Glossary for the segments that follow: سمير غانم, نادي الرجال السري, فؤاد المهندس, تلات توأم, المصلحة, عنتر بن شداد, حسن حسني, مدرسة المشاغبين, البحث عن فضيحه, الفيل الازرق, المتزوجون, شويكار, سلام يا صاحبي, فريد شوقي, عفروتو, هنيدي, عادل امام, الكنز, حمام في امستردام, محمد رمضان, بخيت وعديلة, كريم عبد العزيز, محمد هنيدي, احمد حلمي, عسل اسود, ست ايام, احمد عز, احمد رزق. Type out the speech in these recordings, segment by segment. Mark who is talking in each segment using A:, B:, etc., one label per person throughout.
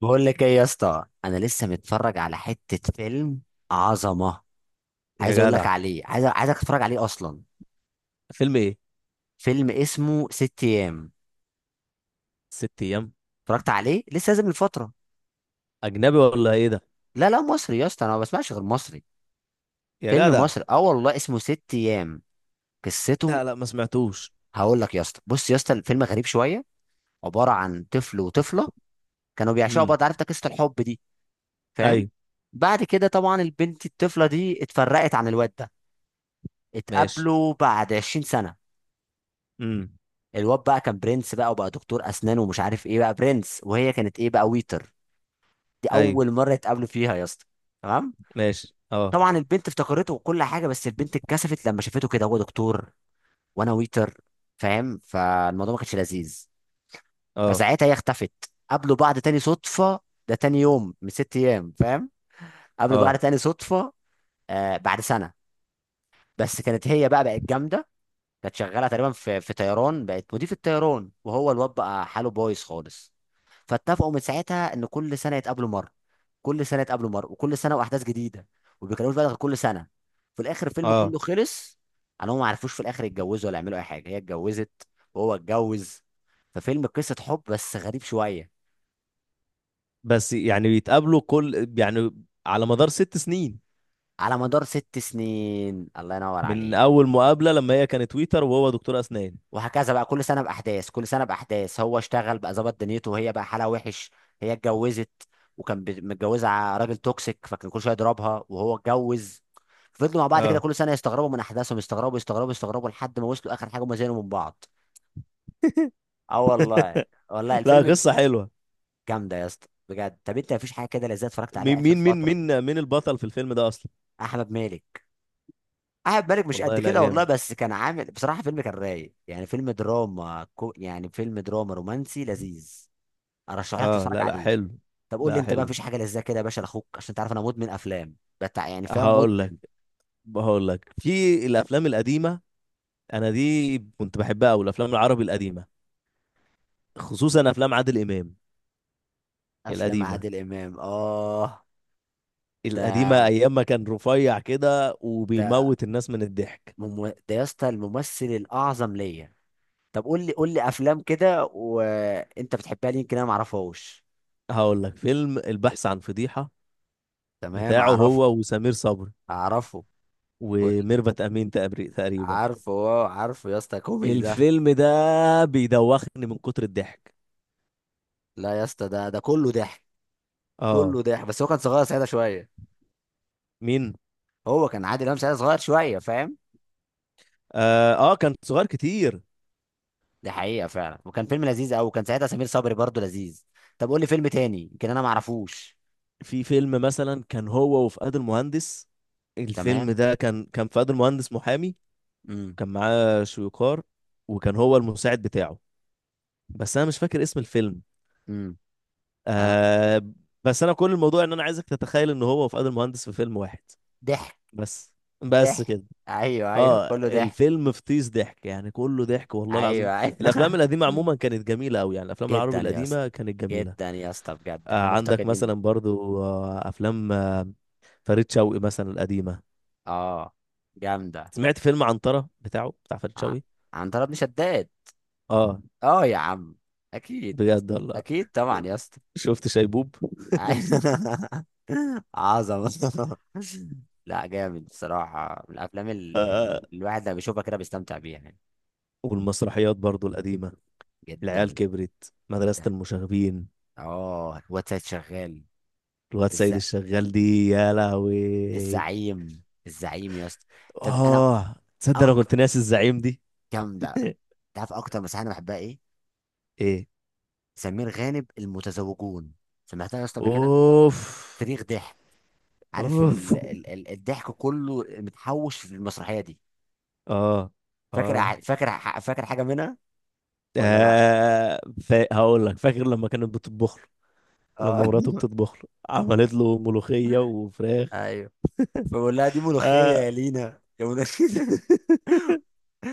A: بقول لك ايه يا اسطى، انا لسه متفرج على حته فيلم عظمه.
B: يا
A: عايز اقول لك
B: جدع،
A: عليه، عايزك تتفرج عليه اصلا.
B: فيلم ايه؟
A: فيلم اسمه ست ايام.
B: 6 ايام.
A: اتفرجت عليه، لسه نازل من فتره.
B: اجنبي ولا ايه ده؟
A: لا لا، مصري يا اسطى، انا ما بسمعش غير مصري.
B: يا
A: فيلم
B: جدع.
A: مصري، اه والله، اسمه ست ايام. قصته؟
B: لا لا ما سمعتوش.
A: هقول لك يا اسطى، بص يا اسطى، الفيلم غريب شويه. عباره عن طفل وطفله كانوا بيعشقوا
B: امم.
A: بعض، عارف انت قصه الحب دي. فاهم؟
B: ايوه.
A: بعد كده طبعا البنت الطفله دي اتفرقت عن الواد ده.
B: ماشي.
A: اتقابلوا بعد 20 سنه.
B: امم.
A: الواد بقى كان برنس بقى، وبقى دكتور اسنان ومش عارف ايه بقى برنس، وهي كانت ايه بقى، ويتر. دي
B: ايوه.
A: اول مره يتقابلوا فيها يا اسطى. تمام.
B: ماشي اه.
A: طبعا البنت افتكرته وكل حاجه، بس البنت اتكسفت لما شافته كده، هو دكتور وانا ويتر، فاهم، فالموضوع ما كانش لذيذ.
B: اه.
A: فساعتها هي اختفت. قابلوا بعض تاني صدفه. ده تاني يوم من ست ايام، فاهم. قابلوا بعض
B: اه.
A: تاني صدفه. آه، بعد سنه. بس كانت هي بقى بقت جامده. كانت شغاله تقريبا في طيران، بقت مضيف الطيران، وهو الواد بقى حاله بايظ خالص. فاتفقوا من ساعتها ان كل سنه يتقابلوا مره. كل سنه يتقابلوا مره، وكل سنه واحداث جديده. وما بيتكلموش بقى غير كل سنه. في الاخر الفيلم
B: اه
A: كله خلص. على هم ما عرفوش في الاخر يتجوزوا ولا يعملوا اي حاجه، هي اتجوزت وهو اتجوز. ففيلم قصه حب بس غريب شويه.
B: بس يعني بيتقابلوا كل يعني على مدار 6 سنين
A: على مدار ست سنين، الله ينور
B: من
A: عليك.
B: اول مقابلة لما هي كانت تويتر وهو دكتور اسنان.
A: وهكذا بقى، كل سنه باحداث، كل سنه باحداث، هو اشتغل بقى، ظبط دنيته، وهي بقى حالها وحش. هي اتجوزت. وكان متجوزه راجل توكسيك، فكان كل شويه يضربها، وهو اتجوز. فضلوا مع بعض كده،
B: اه.
A: كل سنه يستغربوا من احداثهم، يستغربوا يستغربوا يستغربوا لحد ما وصلوا اخر حاجه، هما زعلوا من بعض. اه والله. والله
B: لا
A: الفيلم
B: قصة حلوة.
A: جامده يا اسطى بجد. طب انت مفيش حاجه كده لذيذه اتفرجت
B: مين
A: عليها اخر فتره؟
B: البطل في الفيلم ده اصلا؟
A: احمد مالك. احمد مالك مش قد
B: والله لا
A: كده والله،
B: جامد.
A: بس كان عامل بصراحه فيلم كان رايق، يعني فيلم دراما يعني فيلم دراما رومانسي لذيذ. ارشح لك
B: اه
A: تتفرج
B: لا لا
A: عليه.
B: حلو.
A: طب قول لي
B: لا
A: انت بقى،
B: حلو.
A: مفيش حاجه لذيذه كده يا باشا لاخوك، عشان تعرف انا مدمن افلام، بتاع، يعني فاهم،
B: هقول لك
A: مدمن.
B: هقول لك في الافلام القديمة. انا دي كنت بحبها قوي، الافلام العربي القديمه، خصوصا افلام عادل امام
A: افلام
B: القديمه.
A: عادل امام، اه.
B: القديمه
A: ده
B: ايام ما كان رفيع كده
A: ده
B: وبيموت الناس من الضحك.
A: ده يا اسطى الممثل الاعظم ليا. طب قول لي افلام كده وانت بتحبها، ليه يمكن انا ما اعرفهاش.
B: هقول لك فيلم البحث عن فضيحه
A: تمام،
B: بتاعه
A: اعرف.
B: هو وسمير صبري
A: اعرفه. قول.
B: وميرفت امين تقريبا.
A: عارفه، اه، عارفه يا اسطى، كوميدي ده.
B: الفيلم ده بيدوخني من كتر الضحك.
A: لا يا اسطى، ده كله ضحك.
B: اه.
A: كله ضحك، بس هو كان صغير ساعتها شويه.
B: مين؟
A: هو كان عادل امام ساعتها صغير شويه، فاهم.
B: اه، آه كان صغير كتير.
A: دي حقيقة فعلا، وكان فيلم لذيذ قوي، وكان ساعتها سمير صبري برضو لذيذ. طب قول لي فيلم تاني، يمكن انا ما اعرفوش.
B: في فيلم مثلا كان هو وفؤاد المهندس. الفيلم
A: تمام.
B: ده كان فؤاد المهندس محامي،
A: امم.
B: كان معاه شويكار، وكان هو المساعد بتاعه، بس انا مش فاكر اسم الفيلم.
A: امم. انا.
B: آه. بس انا كل الموضوع ان انا عايزك تتخيل ان هو وفؤاد المهندس في فيلم واحد.
A: ضحك.
B: بس. بس
A: ضحك.
B: كده.
A: ايوه، ايوه،
B: اه
A: كله ضحك.
B: الفيلم فطيس ضحك، يعني كله ضحك والله العظيم.
A: ايوه، ايوه.
B: الافلام القديمه
A: مم.
B: عموما كانت جميله قوي، يعني الافلام العربي
A: جدا يا اسطى.
B: القديمه كانت جميله.
A: جدا يا اسطى بجد،
B: آه
A: احنا
B: عندك
A: مفتقدين.
B: مثلا برضو آه افلام آه، فريد شوقي مثلا القديمه.
A: اه. جامدة.
B: سمعت فيلم عنتره بتاعه، بتاع فريد
A: ع-
B: شوقي.
A: عنتر بن شداد.
B: اه
A: اه يا عم. اكيد.
B: بجد والله.
A: اكيد طبعا يا اسطى.
B: شفت شيبوب؟
A: عظمة. لا جامد بصراحة، من الأفلام الواحد لما بيشوفها كده بيستمتع بيها يعني.
B: والمسرحيات برضو القديمة، العيال
A: جدا.
B: كبرت، مدرسة
A: ده،
B: المشاغبين،
A: اه، واتساب شغال.
B: الواد
A: الز...
B: سيد الشغال دي يا لهوي.
A: الزعيم، الزعيم يا اسطى. طب أنا.
B: اه تصدق انا
A: أكتر.
B: كنت ناسي الزعيم دي.
A: جامدة. تعرف أكتر مسرحية أنا بحبها إيه؟
B: ايه؟
A: سمير غانم، المتزوجون. سمعتها يا اسطى قبل كده؟
B: اوف.
A: صريخ ضحك. عارف،
B: اوف.
A: الضحك كله متحوش في المسرحية دي.
B: اه. اه،
A: فاكر؟ فاكر حاجة منها ولا لا؟
B: آه. هقول لك، فاكر لما كانت بتطبخ له،
A: اه.
B: لما مراته بتطبخ له، عملت له ملوخية وفراخ.
A: ايوه. فبقول لها، دي ملوخيه
B: آه.
A: يا لينا يا ملوخية.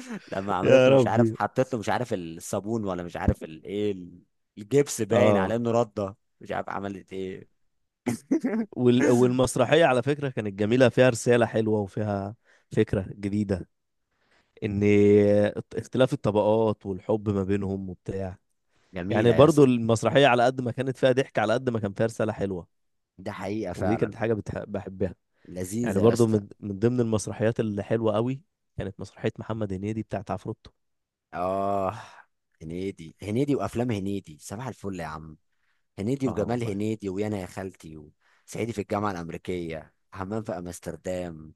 A: لما عملت
B: يا
A: له مش عارف
B: ربي.
A: حطيت له مش عارف الصابون ولا مش عارف الايه. الجبس باين
B: اه.
A: على انه رده، مش عارف عملت ايه.
B: والمسرحية على فكرة كانت جميلة، فيها رسالة حلوة وفيها فكرة جديدة، ان اختلاف الطبقات والحب ما بينهم وبتاع، يعني
A: جميله يا
B: برضو
A: اسطى.
B: المسرحية على قد ما كانت فيها ضحك على قد ما كان فيها رسالة حلوة،
A: ده حقيقه
B: ودي كانت
A: فعلا.
B: حاجة بحبها. يعني
A: لذيذه يا
B: برضو
A: اسطى.
B: من ضمن المسرحيات اللي حلوة قوي كانت مسرحية محمد هنيدي بتاعت عفروتو.
A: اه. هنيدي وافلام هنيدي، صباح الفل يا عم. هنيدي،
B: اه
A: وجمال
B: والله.
A: هنيدي، ويانا يا خالتي، وصعيدي في الجامعه الامريكيه، حمام في امستردام،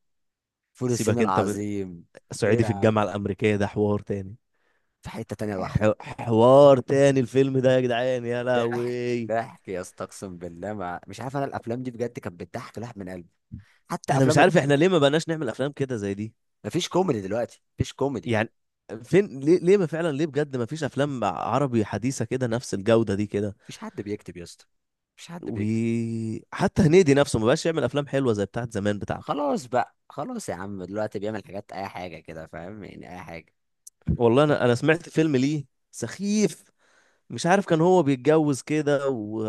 A: فول الصين
B: سيبك انت من
A: العظيم. ايه
B: صعيدي
A: يا
B: في
A: عم؟
B: الجامعة الأمريكية، ده حوار تاني.
A: في حته تانيه لوحده.
B: ح- حوار تاني الفيلم ده يا جدعان يا
A: ضحك.
B: لهوي.
A: ضحك يا اسطى، اقسم بالله، مش عارف انا، الافلام دي بجد كانت بتضحك الواحد من قلبي. حتى
B: انا مش
A: افلام
B: عارف احنا ليه ما بقناش نعمل افلام كده زي دي
A: مفيش كوميدي دلوقتي، مفيش كوميدي.
B: يعني. فين، ليه ليه ما فعلا ليه بجد ما فيش افلام عربي حديثة كده نفس الجودة دي كده؟
A: مفيش حد بيكتب يا اسطى، مفيش حد بيكتب.
B: وحتى هنيدي نفسه ما بقاش يعمل افلام حلوة زي بتاعت زمان بتاعته.
A: خلاص بقى، خلاص يا عم، دلوقتي بيعمل حاجات، اي حاجه كده، فاهم، يعني اي حاجه.
B: والله انا سمعت فيلم ليه سخيف، مش عارف كان هو بيتجوز كده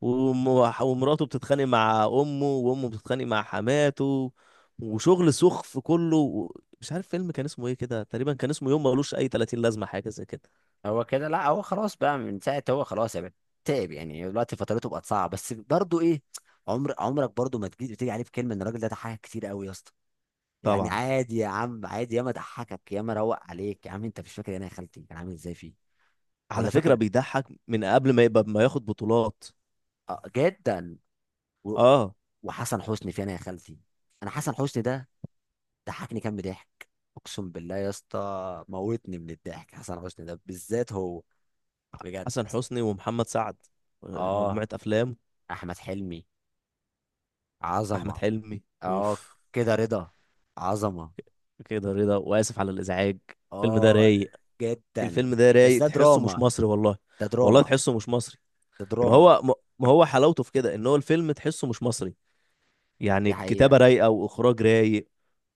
B: وم- ومراته بتتخانق مع امه وامه بتتخانق مع حماته، وشغل سخف كله. مش عارف فيلم كان اسمه ايه كده، تقريبا كان اسمه يوم ملوش اي 30 لازمة، حاجة زي كده.
A: هو كده، لا هو خلاص بقى من ساعه، هو خلاص يا بنت. تعب يعني، دلوقتي فترته بقت صعبه، بس برضه ايه، عمرك برضه ما تيجي عليه بكلمه، ان الراجل ده ضحك كتير قوي يا اسطى. يعني
B: طبعا.
A: عادي يا عم، عادي، ياما ضحكك، ياما روق عليك يا عم، انت مش فاكر انا يا خالتي كان عامل ازاي فيه؟
B: على
A: ولا
B: فكرة
A: فاكر.
B: بيضحك من قبل ما يبقى ما ياخد بطولات.
A: آه، جدا. و...
B: اه.
A: وحسن حسني فين يا خالتي؟ انا حسن حسني ده ضحكني كام ضحك. اقسم بالله يا اسطى، موتني من الضحك حسن حسني ده بالذات، هو بجد.
B: حسن حسني ومحمد سعد،
A: اه.
B: مجموعة افلام.
A: احمد حلمي.
B: احمد
A: عظمه.
B: حلمي.
A: اه.
B: اوف.
A: كده رضا. عظمه.
B: كده رضا، واسف على الازعاج. الفيلم ده
A: اه.
B: رايق.
A: جدا.
B: الفيلم ده
A: بس
B: رايق،
A: ده
B: تحسه مش
A: دراما.
B: مصري والله.
A: ده
B: والله
A: دراما.
B: تحسه مش مصري.
A: ده
B: ما
A: دراما.
B: هو ما ما هو حلاوته في كده ان هو الفيلم تحسه مش مصري، يعني
A: دي
B: الكتابة
A: حقيقه.
B: رايقة واخراج رايق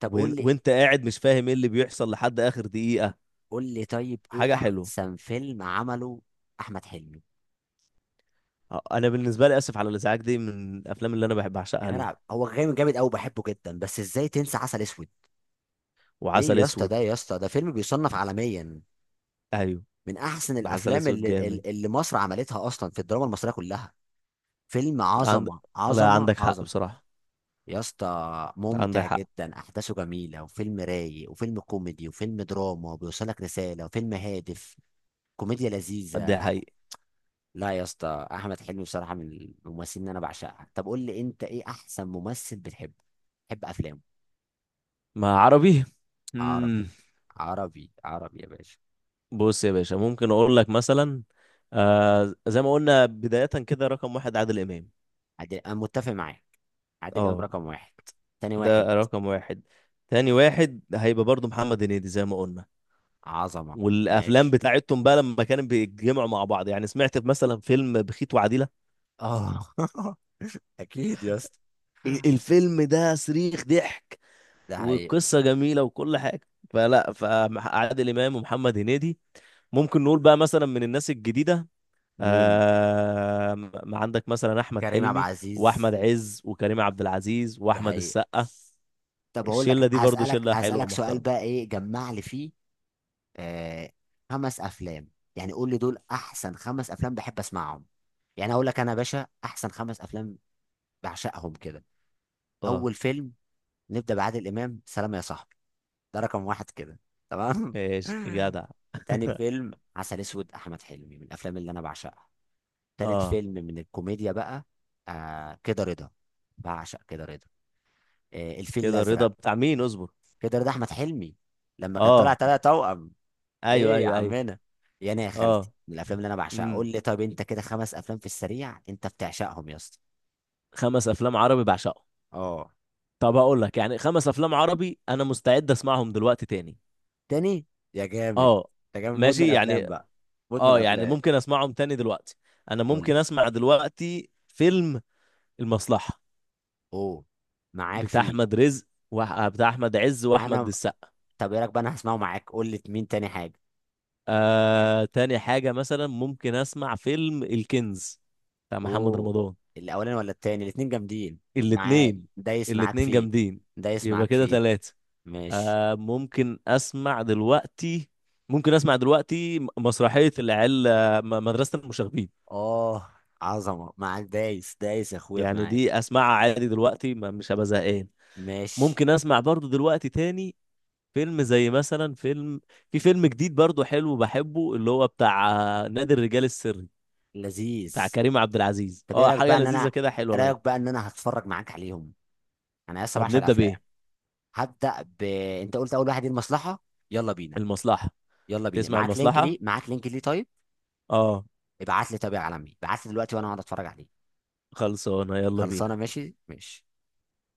A: طب قول لي.
B: وانت قاعد مش فاهم ايه اللي بيحصل لحد اخر دقيقة.
A: قول لي طيب، ايه
B: حاجة حلوة.
A: احسن فيلم عمله احمد حلمي؟
B: آه، انا بالنسبة لي اسف على الازعاج دي من الافلام اللي انا بحب
A: يا
B: اعشقها
A: جدع
B: ليه.
A: هو جامد، جامد قوي، بحبه جدا، بس ازاي تنسى عسل اسود؟ ايه
B: وعسل
A: يا اسطى،
B: اسود.
A: ده يا اسطى ده فيلم بيصنف عالميا،
B: ايوه.
A: من احسن
B: عسل
A: الافلام
B: اسود
A: اللي,
B: جامد.
A: اللي مصر عملتها اصلا في الدراما المصريه كلها. فيلم
B: عند...
A: عظمه،
B: لا
A: عظمه،
B: عندك حق
A: عظمه.
B: بصراحة.
A: يا اسطى
B: عندك
A: ممتع
B: حق.
A: جدا، احداثه جميله، وفيلم رايق، وفيلم كوميدي، وفيلم دراما، وبيوصلك رساله، وفيلم هادف. كوميديا لذيذه.
B: ده حقيقي.
A: لا يا اسطى، احمد حلمي بصراحه من الممثلين اللي انا بعشقها. طب قول لي انت، ايه احسن ممثل بتحب افلامه؟
B: مع عربي.
A: عربي.
B: مم.
A: عربي، عربي يا باشا.
B: بص يا باشا ممكن اقول لك مثلا، آه زي ما قلنا بداية كده، رقم واحد عادل امام.
A: عادل، انا متفق معاك. عادل امام
B: اه.
A: رقم واحد. تاني واحد.
B: ده رقم واحد. تاني واحد هيبقى برضو محمد هنيدي زي ما قلنا.
A: عظمه.
B: والافلام
A: ماشي،
B: بتاعتهم بقى لما كانوا بيتجمعوا مع بعض، يعني سمعت مثلا فيلم بخيت وعديلة.
A: اه. اكيد يا اسطى.
B: الفيلم ده صريخ ضحك،
A: ده حقيقي.
B: والقصه جميله وكل حاجه. فلا، فعادل امام ومحمد هنيدي. ممكن نقول بقى مثلا من الناس الجديده،
A: مين؟
B: آه، ما عندك مثلا احمد
A: كريم عبد
B: حلمي
A: العزيز.
B: واحمد عز وكريم عبد العزيز
A: ده
B: واحمد
A: حقيقي.
B: السقا.
A: طب اقول لك،
B: الشله دي برضو
A: هسألك
B: شله حلوه
A: هسألك سؤال
B: ومحترمه.
A: بقى، ايه جمع لي فيه؟ آه. خمس افلام. يعني قول لي دول احسن خمس افلام بحب اسمعهم. يعني اقول لك انا يا باشا احسن خمس افلام بعشقهم كده.
B: اه.
A: اول فيلم. نبدأ بعادل امام، سلام يا صاحبي. ده رقم واحد كده. تمام.
B: ايش جدع.
A: تاني فيلم، عسل اسود، احمد حلمي، من الافلام اللي انا بعشقها. تالت
B: اه.
A: فيلم، من الكوميديا بقى. آه، كده رضا. بعشق كده رضا. آه، الفيل
B: كده رضا
A: الازرق.
B: بتاع مين اصبر؟
A: كده رضا، احمد حلمي، لما كان طالع
B: اه.
A: تلات توأم.
B: ايوه
A: ايه يا
B: ايوه ايوه.
A: عمنا. يا انا يا خالتي،
B: اه.
A: من الافلام اللي انا بعشقها. قول
B: امم.
A: لي طب انت كده خمس افلام في السريع انت بتعشقهم يا اسطى.
B: خمس افلام عربي بعشقهم.
A: اه.
B: طب هقول لك، يعني خمس افلام عربي انا مستعد اسمعهم دلوقتي تاني.
A: تاني. يا جامد.
B: اه
A: انت جامد، مدمن
B: ماشي
A: افلام
B: يعني.
A: بقى. مدمن
B: اه يعني
A: افلام.
B: ممكن اسمعهم تاني دلوقتي. انا
A: قول لي.
B: ممكن اسمع دلوقتي فيلم المصلحة،
A: اوه. معاك
B: بتاع
A: فيه.
B: احمد رزق، بتاع احمد عز واحمد
A: انا.
B: السقا.
A: طب ايه رايك بقى، انا هسمعه معاك، قول لي مين تاني حاجه.
B: آه، تاني حاجة مثلا ممكن اسمع فيلم الكنز بتاع محمد
A: اوه.
B: رمضان.
A: الاولاني ولا التاني؟ الاتنين جامدين. معاك،
B: الاتنين.
A: دايس معاك
B: الاتنين
A: فيه.
B: جامدين.
A: دايس
B: يبقى
A: معاك
B: كده
A: فيه.
B: تلاتة.
A: ماشي.
B: آه، ممكن اسمع دلوقتي، ممكن اسمع دلوقتي مسرحية العيال آه، مدرسة المشاغبين.
A: اه. عظمه، معاك دايس يا اخويا في
B: يعني
A: معاك.
B: دي اسمعها عادي دلوقتي، ما مش هبقى زهقان.
A: ماشي.
B: ممكن اسمع برضو دلوقتي تاني فيلم، زي مثلا فيلم، في فيلم جديد برضو حلو بحبه اللي هو بتاع آه، نادي الرجال السري،
A: لذيذ.
B: بتاع كريم عبد العزيز.
A: طب ايه
B: اه
A: رايك بقى
B: حاجة
A: ان
B: لذيذة
A: انا
B: كده، حلوة
A: إيه
B: لايت.
A: رايك بقى ان انا هتفرج معاك عليهم. انا لسه
B: طب
A: بعشق
B: نبدأ
A: الافلام.
B: بإيه؟
A: هبدا ب انت قلت اول واحد ايه، المصلحه. يلا بينا.
B: المصلحة.
A: يلا بينا،
B: تسمع
A: معاك لينك ليه
B: المصلحة.
A: معاك لينك ليه طيب؟
B: اه.
A: ابعت لي، طب يا عالمي ابعت لي دلوقتي وانا هقعد اتفرج عليه.
B: خلصانة، يلا
A: خلصانه،
B: بينا.
A: ماشي، ماشي.